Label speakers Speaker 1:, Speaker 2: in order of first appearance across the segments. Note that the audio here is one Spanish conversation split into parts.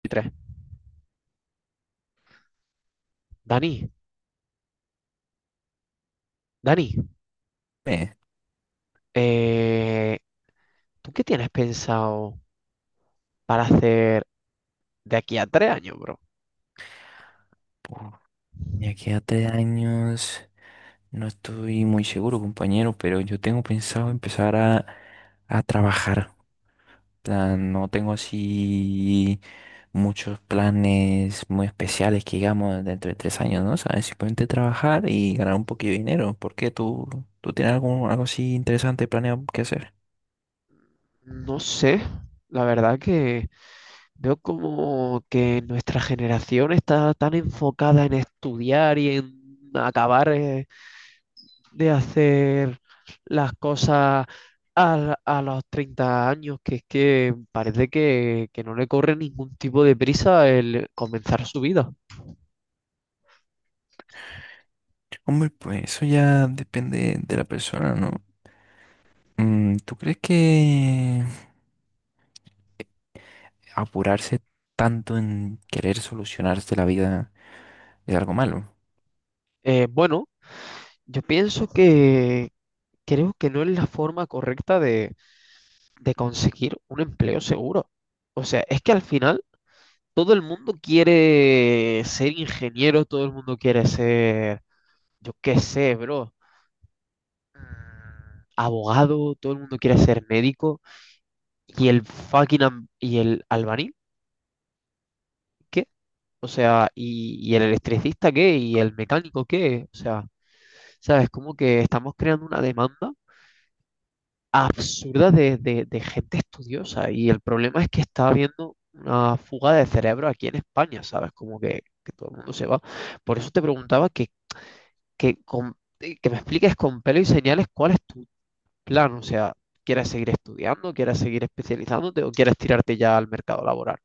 Speaker 1: 23. Dani, Dani,
Speaker 2: Eh,
Speaker 1: eh, ¿tú qué tienes pensado para hacer de aquí a 3 años, bro?
Speaker 2: pu- de aquí a tres años, no estoy muy seguro, compañero, pero yo tengo pensado empezar a trabajar. Plan, no tengo así muchos planes muy especiales que digamos dentro de tres años, ¿no? ¿Sabes? Simplemente trabajar y ganar un poquito de dinero. ¿Por qué tú tienes algo así interesante planeado que hacer?
Speaker 1: No sé, la verdad que veo como que nuestra generación está tan enfocada en estudiar y en acabar de hacer las cosas a los 30 años, que es que parece que no le corre ningún tipo de prisa el comenzar su vida.
Speaker 2: Hombre, pues eso ya depende de la persona, ¿no? ¿Tú crees que apurarse tanto en querer solucionarse la vida es algo malo?
Speaker 1: Bueno, Yo pienso que creo que no es la forma correcta de conseguir un empleo seguro. O sea, es que al final todo el mundo quiere ser ingeniero, todo el mundo quiere ser, yo qué sé, bro, mm, abogado, todo el mundo quiere ser médico. ¿Y el fucking y el albañil qué? O sea, y el electricista qué? ¿Y el mecánico qué? O sea, ¿sabes? Como que estamos creando una demanda absurda de gente estudiosa. Y el problema es que está habiendo una fuga de cerebro aquí en España, ¿sabes? Como que todo el mundo se va. Por eso te preguntaba que me expliques con pelo y señales cuál es tu plan. O sea, ¿quieres seguir estudiando? ¿Quieres seguir especializándote? ¿O quieres tirarte ya al mercado laboral?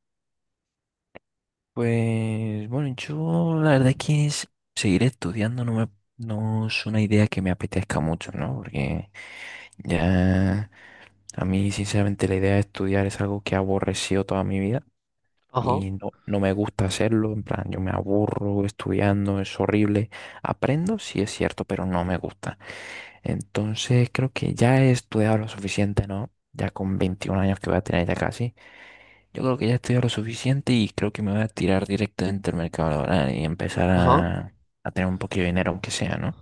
Speaker 2: Pues bueno, yo la verdad es que seguir estudiando no es una idea que me apetezca mucho, ¿no? Porque ya a mí sinceramente la idea de estudiar es algo que he aborrecido toda mi vida.
Speaker 1: Ajá,
Speaker 2: Y no me gusta hacerlo, en plan, yo me aburro estudiando, es horrible. Aprendo, sí es cierto, pero no me gusta. Entonces creo que ya he estudiado lo suficiente, ¿no? Ya con 21 años que voy a tener ya casi, yo creo que ya he estudiado lo suficiente y creo que me voy a tirar directamente al mercado laboral y empezar
Speaker 1: ajá.
Speaker 2: a tener un poquito de dinero, aunque sea, ¿no?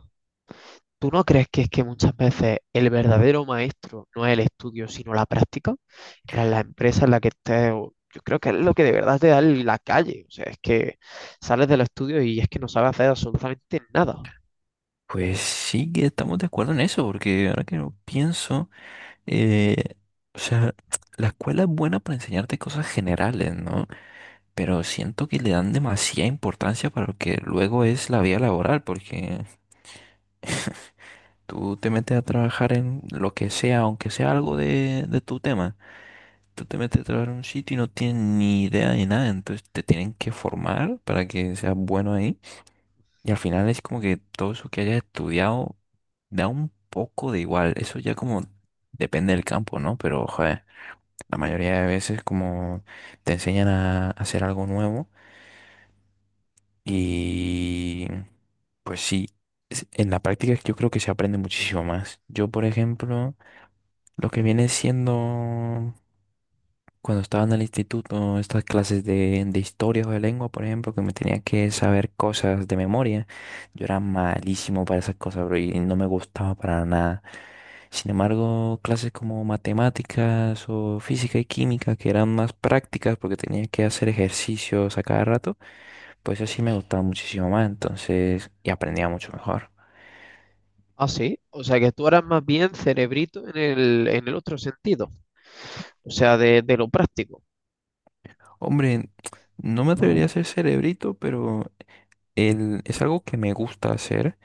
Speaker 1: ¿Tú no crees que es que muchas veces el verdadero maestro no es el estudio, sino la práctica? Para la empresa en la que estés, yo creo que es lo que de verdad te da la calle. O sea, es que sales de los estudios y es que no sabes hacer absolutamente nada.
Speaker 2: Pues sí que estamos de acuerdo en eso, porque ahora que lo pienso, eh, o sea, la escuela es buena para enseñarte cosas generales, ¿no? Pero siento que le dan demasiada importancia para lo que luego es la vida laboral, porque tú te metes a trabajar en lo que sea, aunque sea algo de tu tema, tú te metes a trabajar en un sitio y no tienes ni idea de nada, entonces te tienen que formar para que seas bueno ahí, y al final es como que todo eso que hayas estudiado da un poco de igual, eso ya como depende del campo, ¿no? Pero, joder, la mayoría de veces como te enseñan a hacer algo nuevo. Y pues sí, en la práctica yo creo que se aprende muchísimo más. Yo, por ejemplo, lo que viene siendo cuando estaba en el instituto, estas clases de historia o de lengua, por ejemplo, que me tenía que saber cosas de memoria, yo era malísimo para esas cosas, bro, y no me gustaba para nada. Sin embargo, clases como matemáticas o física y química, que eran más prácticas porque tenía que hacer ejercicios a cada rato, pues así me gustaba muchísimo más, entonces, y aprendía mucho mejor.
Speaker 1: Ah, sí. O sea, que tú eras más bien cerebrito en el otro sentido. O sea, de lo práctico.
Speaker 2: Hombre, no me atrevería a ser cerebrito, pero es algo que me gusta hacer,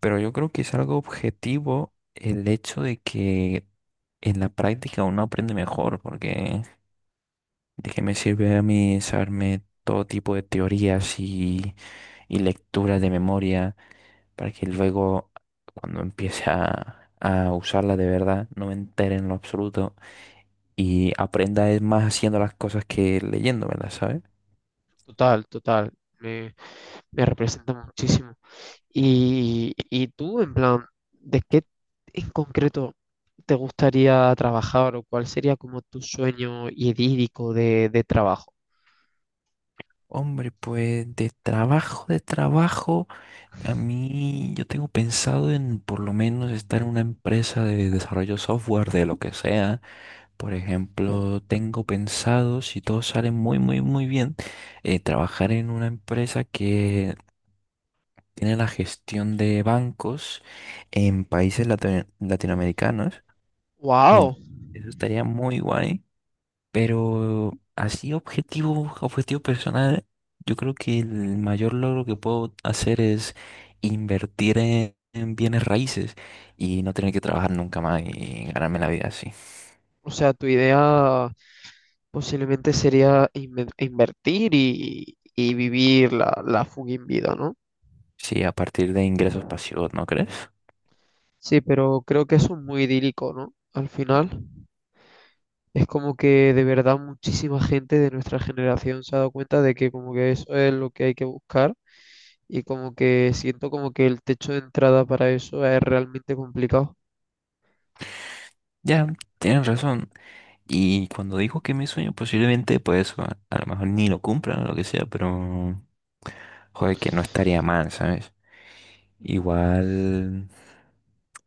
Speaker 2: pero yo creo que es algo objetivo el hecho de que en la práctica uno aprende mejor, porque de qué me sirve a mí saberme todo tipo de teorías y lecturas de memoria para que luego cuando empiece a usarla de verdad no me entere en lo absoluto. Y aprenda es más haciendo las cosas que leyéndomelas, ¿sabes?
Speaker 1: Total, total. Me, me representa muchísimo. Y tú, en plan, ¿de qué en concreto te gustaría trabajar o cuál sería como tu sueño idílico de trabajo?
Speaker 2: Hombre, pues de trabajo, a mí yo tengo pensado en por lo menos estar en una empresa de desarrollo software, de lo que sea. Por ejemplo, tengo pensado, si todo sale muy bien, trabajar en una empresa que tiene la gestión de bancos en países latinoamericanos. Y
Speaker 1: ¡Wow!
Speaker 2: en- eso estaría muy guay. Pero así objetivo personal, yo creo que el mayor logro que puedo hacer es invertir en bienes raíces y no tener que trabajar nunca más y ganarme la vida así.
Speaker 1: O sea, tu idea posiblemente sería invertir y vivir la fucking vida, ¿no?
Speaker 2: Sí, a partir de ingresos pasivos, ¿no crees?
Speaker 1: Sí, pero creo que eso es muy idílico, ¿no? Al final, es como que de verdad muchísima gente de nuestra generación se ha dado cuenta de que como que eso es lo que hay que buscar y como que siento como que el techo de entrada para eso es realmente complicado.
Speaker 2: Ya, tienes razón. Y cuando digo que mi sueño, posiblemente, pues a lo mejor ni lo cumplan o lo que sea, pero joder, que no estaría mal, ¿sabes? Igual.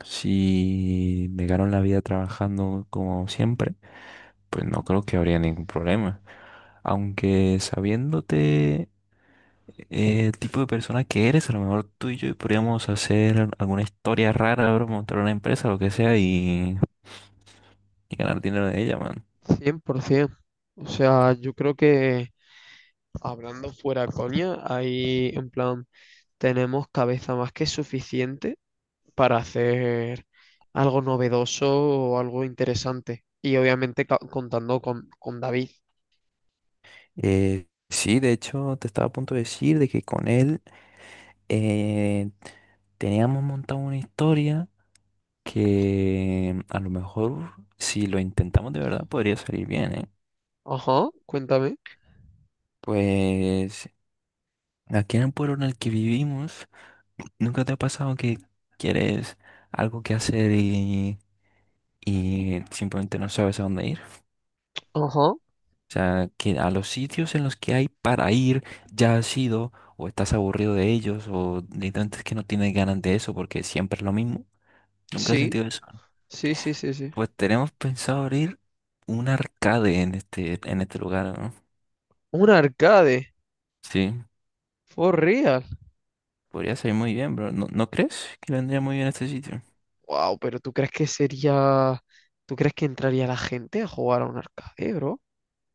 Speaker 2: Si me gano la vida trabajando como siempre, pues no creo que habría ningún problema. Aunque sabiéndote el tipo de persona que eres, a lo mejor tú y yo podríamos hacer alguna historia rara, bro, montar una empresa, lo que sea, y ganar dinero de ella, man.
Speaker 1: 100%. O sea, yo creo que hablando fuera coña, ahí en plan tenemos cabeza más que suficiente para hacer algo novedoso o algo interesante. Y obviamente contando con David.
Speaker 2: Sí, de hecho, te estaba a punto de decir de que con él eh, teníamos montado una historia que a lo mejor si lo intentamos de verdad podría salir bien, ¿eh?
Speaker 1: Ajá, cuéntame.
Speaker 2: Pues aquí en el pueblo en el que vivimos, ¿nunca te ha pasado que quieres algo que hacer y simplemente no sabes a dónde ir?
Speaker 1: Ajá,
Speaker 2: O sea, que a los sitios en los que hay para ir ya has ido o estás aburrido de ellos o literalmente es que no tienes ganas de eso porque siempre es lo mismo. ¿Nunca has
Speaker 1: sí,
Speaker 2: sentido eso?
Speaker 1: sí, sí, sí, sí.
Speaker 2: Pues tenemos pensado abrir un arcade en en este lugar, ¿no?
Speaker 1: Un arcade,
Speaker 2: Sí.
Speaker 1: for real.
Speaker 2: Podría salir muy bien, bro. No crees que le vendría muy bien a este sitio?
Speaker 1: Wow, pero ¿tú crees que sería... ¿Tú crees que entraría la gente a jugar a un arcade, bro?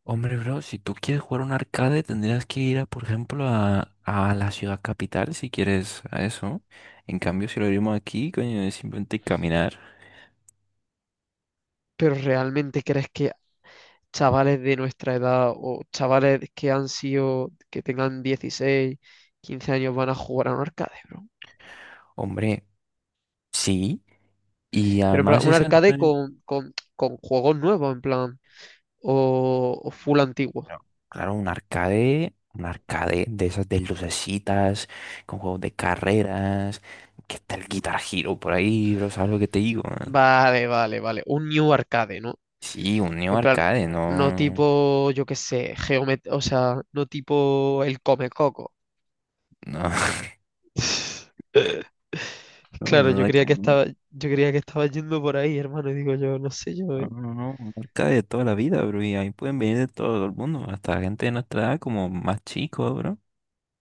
Speaker 2: Hombre, bro, si tú quieres jugar un arcade, tendrías que ir, a, por ejemplo, a la ciudad capital si quieres a eso. En cambio, si lo abrimos aquí, coño, es simplemente caminar.
Speaker 1: ¿Pero realmente crees que chavales de nuestra edad o chavales que han sido, que tengan 16 15 años van a jugar a un arcade, bro?
Speaker 2: Hombre, sí. Y
Speaker 1: Pero en plan,
Speaker 2: además
Speaker 1: un arcade con juegos nuevos, en plan, o full antiguo.
Speaker 2: claro, un arcade de esas de lucecitas, con juegos de carreras, que está el Guitar Hero por ahí, bro, ¿sabes lo que te digo?
Speaker 1: Vale, vale, vale. Un new arcade, ¿no?
Speaker 2: Sí, un Neo
Speaker 1: En plan,
Speaker 2: Arcade,
Speaker 1: no
Speaker 2: no,
Speaker 1: tipo, yo qué sé, Geomet, o sea, no tipo el Come Coco.
Speaker 2: no. No, pero
Speaker 1: Claro,
Speaker 2: un arcade,
Speaker 1: yo creía que estaba yendo por ahí, hermano, y digo yo, no sé yo, ¿eh?
Speaker 2: no, marca de toda la vida, bro. Y ahí pueden venir de todo el mundo, hasta gente de nuestra edad, como más chicos, bro.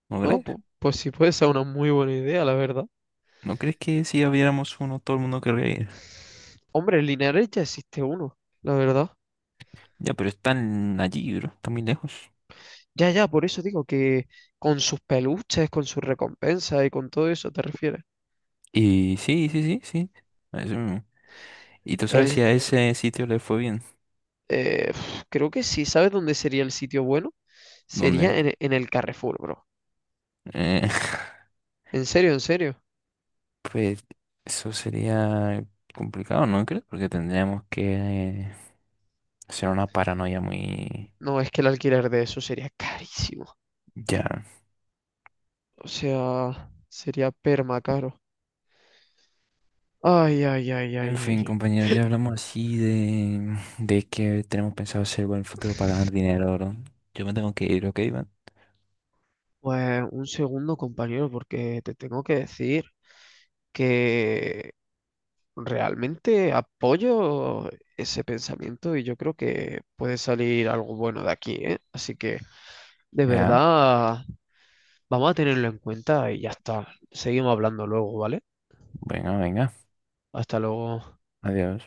Speaker 2: ¿No
Speaker 1: No,
Speaker 2: crees?
Speaker 1: pues sí puede ser una muy buena idea, la verdad.
Speaker 2: ¿No crees que si abriéramos uno, todo el mundo querría ir?
Speaker 1: Hombre, en Linares ya existe uno, la verdad.
Speaker 2: Ya, pero están allí, bro. Están muy lejos.
Speaker 1: Ya, ya, por eso digo que con sus peluches, con sus recompensas y con todo eso te refieres.
Speaker 2: Y sí, sí, sí, sí, a eso mismo. ¿Y tú sabes
Speaker 1: El,
Speaker 2: si a ese sitio le fue bien?
Speaker 1: Uf, creo que sí, ¿sabes dónde sería el sitio bueno?
Speaker 2: ¿Dónde?
Speaker 1: Sería en el Carrefour, bro.
Speaker 2: Eh,
Speaker 1: En serio, en serio.
Speaker 2: pues eso sería complicado, ¿no crees? Porque tendríamos que hacer una paranoia muy...
Speaker 1: No, es que el alquiler de eso sería carísimo.
Speaker 2: Ya.
Speaker 1: O sea, sería perma caro. Ay, ay, ay,
Speaker 2: En
Speaker 1: ay,
Speaker 2: fin,
Speaker 1: ay, ay.
Speaker 2: compañero ya hablamos así de que tenemos pensado hacer en el futuro para ganar dinero, ¿no? Yo me tengo que ir, ¿ok, Iván?
Speaker 1: Pues un segundo, compañero, porque te tengo que decir que realmente apoyo ese pensamiento y yo creo que puede salir algo bueno de aquí, ¿eh? Así que de
Speaker 2: Ya,
Speaker 1: verdad vamos a tenerlo en cuenta y ya está. Seguimos hablando luego, ¿vale?
Speaker 2: venga,
Speaker 1: Hasta luego.
Speaker 2: adiós.